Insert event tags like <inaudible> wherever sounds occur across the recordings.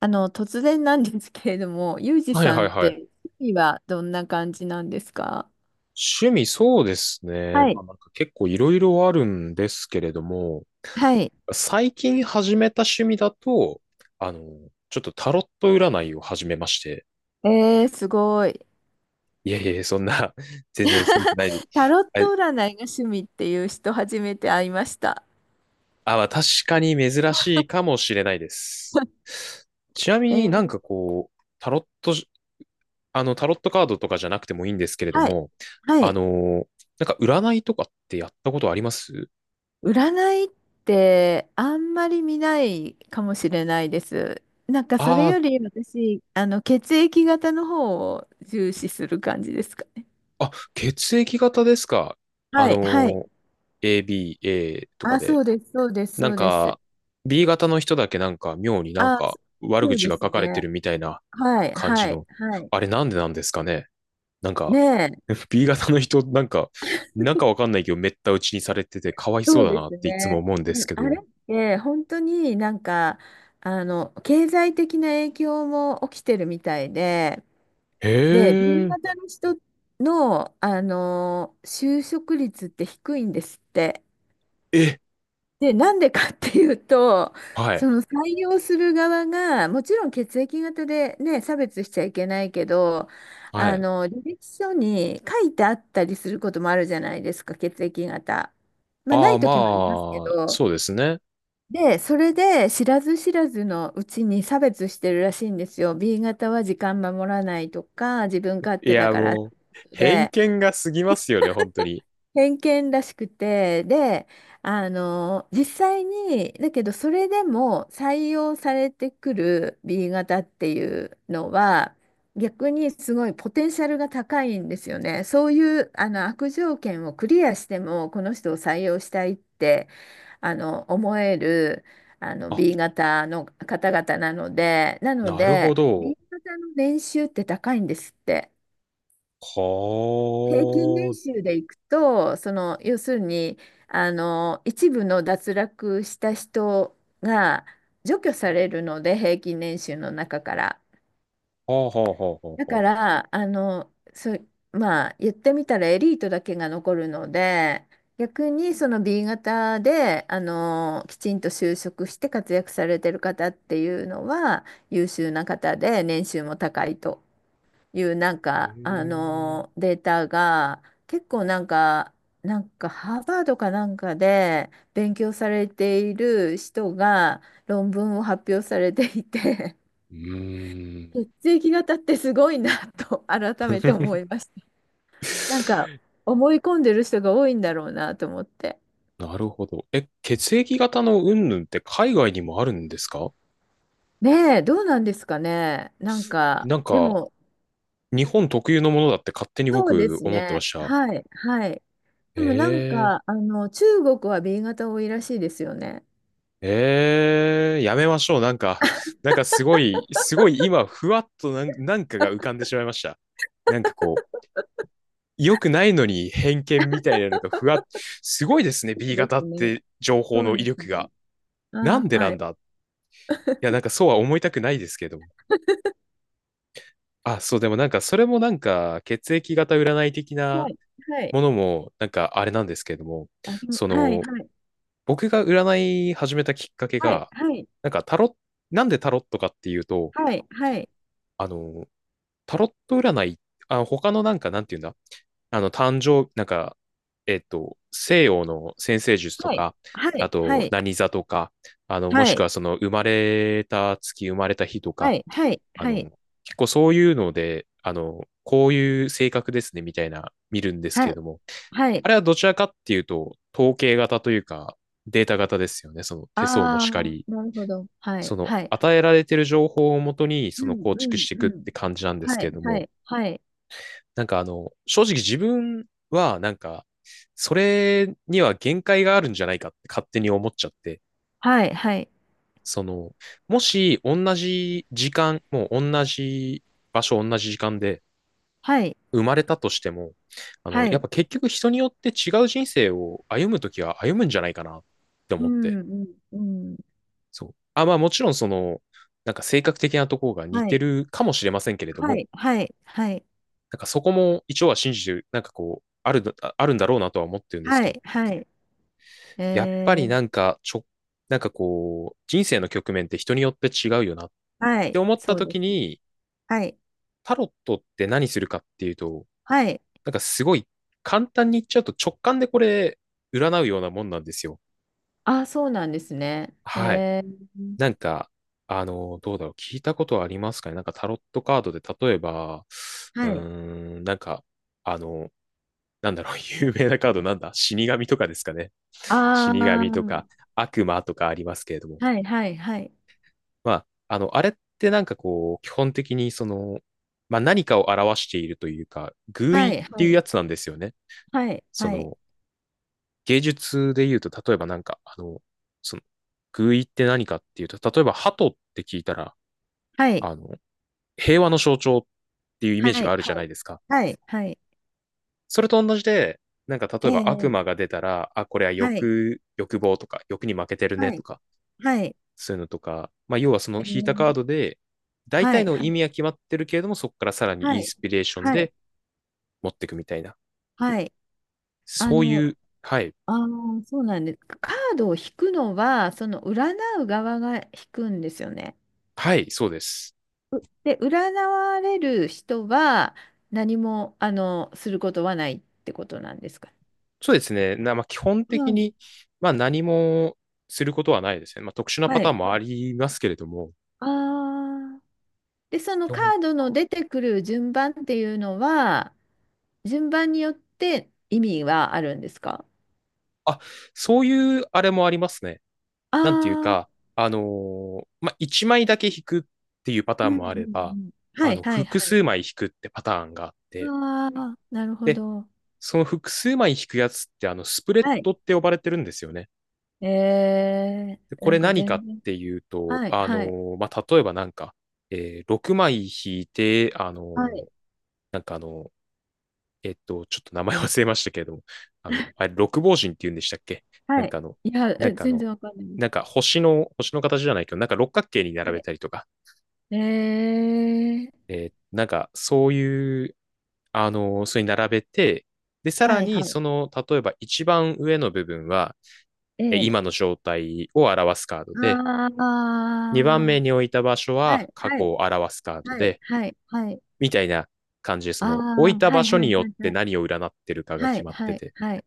あの、突然なんですけれども、ユージはいさはいんってはい。趣味はどんな感じなんですか？趣味そうですね。はまあい。結構いろいろあるんですけれども、はい。最近始めた趣味だと、あの、ちょっとタロット占いを始めまして。えー、すごい。いやいやいや、そんな、<laughs> 全然すごくないで。<laughs> タロッあ、ト占いが趣味っていう人初めて会いました。まあ確かに珍しいかもしれないです。<laughs> ちなみえにー、こう、タロット、タロットカードとかじゃなくてもいいんですけれどはい。も、はあい。の、なんか占いとかってやったことあります占いってあんまり見ないかもしれないです。なんかそれああー、より私、あの、血液型の方を重視する感じですかね。あ、血液型ですか。あはい、はのい。ー、A、B、A とかあ、で。そうです、そうです、なそんうです。か、B 型の人だけなんか妙になんあ、か悪そう口でがす書かれてね。るみたいなはい、感じはい、の。はい。あれなんでなんですかね。なんねか、え、<laughs> B 型の人なんか、なんかわかんないけどめった打ちにされててかわいそそううだでなっすていつね。も思うんですで、けあれど。って本当になんか、あの、経済的な影響も起きてるみたいで、へで、B え、型の人の、あの、就職率って低いんですって。え、で、なんでかっていうと、はい、その採用する側が、もちろん血液型でね、差別しちゃいけないけど、はあい。の、履歴書に書いてあったりすることもあるじゃないですか、血液型。まあ、なああ、い時もありますけまあ、ど、そうですね。で、それで知らず知らずのうちに差別してるらしいんですよ。B 型は時間守らないとか、自分勝い手だや、からってもう、こと偏で。見が過ぎますよね、本当に。偏見らしくて、で、あの、実際に、だけどそれでも採用されてくる B 型っていうのは、逆にすごいポテンシャルが高いんですよね。そういうあの悪条件をクリアしても、この人を採用したいってあの思えるあの あ、 B 型の方々なので、なのなるほで、ど。B 型の年収って高いんですって。平均は年収でいくと、その要するにあの一部の脱落した人が除去されるので、平均年収の中から。あ、はあ、はあ、はあ、はだあはかあ。らあのまあ言ってみたらエリートだけが残るので、逆にその B 型であのきちんと就職して活躍されてる方っていうのは優秀な方で年収も高いと。いうなんへか、あえ、のデータが結構なんか、なんかハーバードかなんかで勉強されている人が論文を発表されていて、うーん。<laughs> 血液型ってすごいなと改めて思いました。なんか思い込んでる人が多いんだろうなと思って。なるほど。え、血液型の云々って海外にもあるんですか？ねえ、どうなんですかね。なんか、なんでか、も、日本特有のものだって勝手にそうで僕す思ってまね。した。はい、はい。でもなんええ、か、あの、中国は B 型多いらしいですよね。ええ、やめましょう。なんか、なんかすごい、すごい今、ふわっとなん、なんかが浮かんでしまいました。なんかこう、良くないのに偏見みたいなのがふわっ、すごいですね、そ B うで型すっね。て情報そうので威す力ね。が。なあんあ、でなはい。んだい、や、なんかそうは思いたくないですけど。あ、そう、でもなんかそれもなんか血液型占い的はない。はい。ものもなんかあれなんですけれども、ありま、そはい。のはい。僕が占い始めたきっかけはが、い。なんかタロッ、なんでタロットかっていうと、はい。はい。あの、タロット占い、あ、他のなんか、なんていうんだ、誕生、なんか、西洋の占星術とか、はあい。はと、い。何座とか、もはしくい。はその、生まれた月、生まれた日とはか、い。はい。あはい。はい。の、結構そういうので、こういう性格ですね、みたいな、見るんですはけれどい。も、はい。はい。あれはどちらかっていうと、統計型というか、データ型ですよね。その手相もあしかあ、り、なるほど。はそい。のはい。与えられている情報をもとに、そうのん。構う築ん。していうくっん。て感じなんですはけれい。どはも、い。はい。なんか正直自分はなんか、それには限界があるんじゃないかって勝手に思っちゃって、はい。はい。その、もし同じ時間、もう同じ場所、同じ時間ではい。生まれたとしても、はやっい。ぱ結局人によって違う人生を歩むときは歩むんじゃないかなってう思って、ん。うん。うん。そう。あ、まあもちろんその、なんか性格的なところが似はてい。るかもしれませんけれどはも、い。はい。はい。なんかそこも一応は信じてる、なんかこう、ある、あるんだろうなとは思ってるんですはけど、い。はい。やっぱえりなー、んか、ちょ、なんかこう、人生の局面って人によって違うよなっはてい。思ったそうで時すね。に、はい。タロットって何するかっていうと、はい。なんかすごい簡単に言っちゃうと直感でこれ占うようなもんなんですよ。ああ、そうなんですね。はい。えー、なんか、どうだろう。聞いたことはありますかね、なんかタロットカードで例えば、うーはい。ん、なんか、あの、なんだろう、<laughs> 有名なカードなんだ死神とかですかね。<laughs> あ死神とあ、か悪魔とかありますけれども。はいはいはい。まあ、あれってなんかこう、基本的にその、まあ何かを表しているというか、寓意はっい、てはいうい、やつなんですよね。はい、そはい、の、芸術で言うと、例えばなんか、その、寓意って何かっていうと、例えば鳩って聞いたら、はい、あの、平和の象徴っていうイはメージがい、あるじゃないですか。はい、はい、それと同じで、なんか例ええば悪え、魔が出たら、あ、これははい、欲、欲望とか、欲に負けてるねはとい、か、はい、そういうのとか、まあ、要はそのええ、引いたカードで、大は体い、のは意味い、は決まってるけれども、そこからさらにイはンい、スピレーションはい、で持っていくみたいな。はい、あそうの、いう、はい。ああ、そうなんです。カードを引くのは、その占う側が引くんですよね。はい、そうです。で、占われる人は何も、あの、することはないってことなんですか。そうですね。な、まあ、基本う的ん。に、まあ、何もすることはないですね。まあ、特殊なパはターい、ンもはあい。りますけれども、ああ。で、その基カ本、ードの出てくる順番っていうのは、順番によって意味はあるんですか？あ、そういうあれもありますね。なんていうああか、ー、まあ、1枚だけ引くっていうパタうーンんうんもあうれば、ん。はいはい複はい。数枚引くってパターンがあって、ああ、なるほで、ど。その複数枚引くやつって、スプレッはい。ドって呼ばれてるんですよね。えでー、こなれんか何か全っ然。ていうと、はいはいまあ、例えばなんか、6枚引いて、はい。なんかあの、ちょっと名前忘れましたけれども、あれ、六芒人って言うんでしたっけ？なはんい。かあの、いや、なんえかあ全然の、わかんないです。なんか星の、星の形じゃないけど、なんか六角形に並はべい。たりとか、えー、なんか、そういう、それに並べて、で、さらはいに、はい。その、例えば一番上の部分は、ええ、今の状態を表すカードあで、2番目あに置いた場所ー、ははい過は去いを表すカードはいで、はいはい。みたいな感じで、あその、置いあ、たは場いは所いはによっいてはい。何を占ってるかがは決いまってはいて、はい。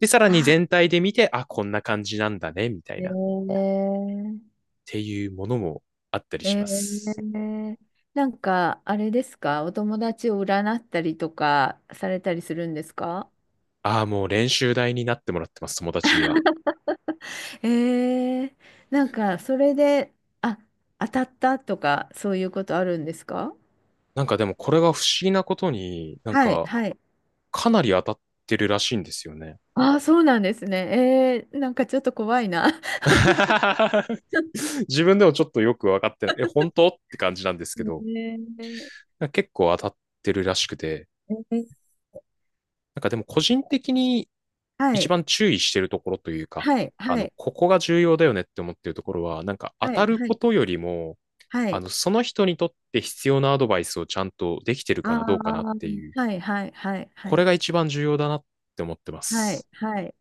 で、さらにあ、全体で見て、あ、こんな感じなんだね、みたいえな、っー、ていうものもあったりえします。ー、なんか、あれですか、お友達を占ったりとかされたりするんですか？ああ、もう練習台になってもらってます、友達には。えー、なんか、それで、あ、当たったとか、そういうことあるんですか？なんかでもこれが不思議なことに、なんはい、かはい。かなり当たってるらしいんですよね。ああ、そうなんですね。えー、なんかちょっと怖いな。<laughs> <laughs> 自分でもちょっとよくわかってない。え、本当って感じなんですえけど、ー、なんか結構当たってるらしくて、えー、なんかでも個人的には一い、番注意してるところというか、はい、はい、ここが重要だよねって思ってるところは、なんか当はたい、るはこい、とよりも、はい。その人にとって必要なアドバイスをちゃんとできてるかあなどうかなっあ、ていう、はい、はい、はい、はこれい、が一番重要だなって思ってまはい、す。はい。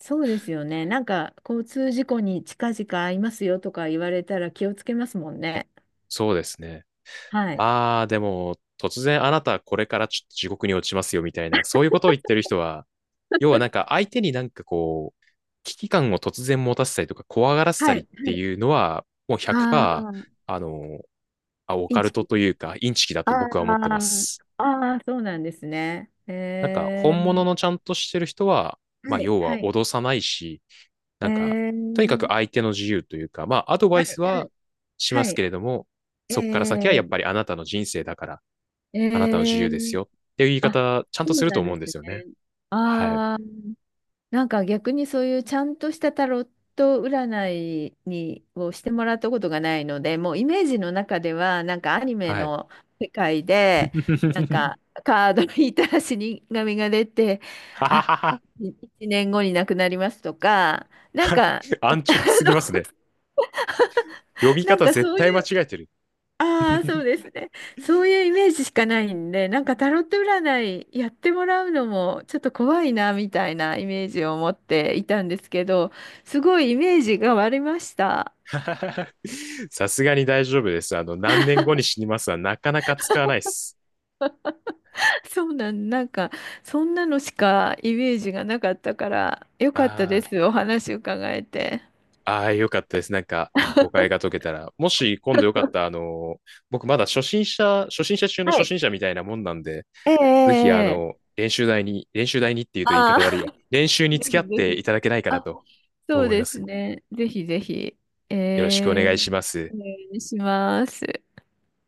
そうですよね。なんか、交通事故に近々会いますよとか言われたら気をつけますもんね。そうですね。はい。ああ、でも、突然あなたこれからちょっと地獄に落ちますよみたいな、そういうことを言ってる人は、要はなんか相手になんかこう、危機感を突然持たせたりとか怖がらせたはい。りはっい。ていうのは、もうああ、100%、あの、オイカンルチトキ。というか、インチキだあと僕は思ってまあ、す。ああ、そうなんですね。なんか、え本物ー、のちゃんとしてる人は、まはあ、い、要ははい。脅さないし、えなんか、とにかくー、相手の自由というか、まあ、アドバはい、イスははしまい、はすい。けれども、そこから先はやっえぱりあなたの人生だから、ー、あなたの自え由ですー、よっていう言いあ、方、ちゃんそとすうるとなん思でうんすですよね。ね。はい。ああ、なんか逆にそういうちゃんとしたタロット占いにをしてもらったことがないので、もうイメージの中ではなんかアニメはい。の世界でなん <laughs> かカード引いたら死神が出て、ははあ、はは。1年後に亡くなりますとか、なんか、安直すぎますね。<laughs> 呼びなん方か絶そう対い間違う、えてる。ああ、そう <laughs> ですね。そういうイメージしかないんで、なんかタロット占いやってもらうのもちょっと怖いなみたいなイメージを持っていたんですけど、すごいイメージが割れました。さすがに大丈夫です。何年後に死にますはなかなか使わないです。<laughs> なんかそんなのしかイメージがなかったから、よかったであす。お話伺えて。あ、ああ、よかったです。なんか、誤解が解けたら。もし今度よかったら、僕まだ初心者、初心者中のは初い。<laughs> 心者みたいなもんなんで、えええぜひえええ、練習台に、練習台にっていうと言いああ、方悪いや、練 <laughs> 習にぜ付ひき合っぜていひ。ただけないかなあ、とそう思いまですす。ね。ぜひぜひ。えよろしくおえ、願いします。お願いします。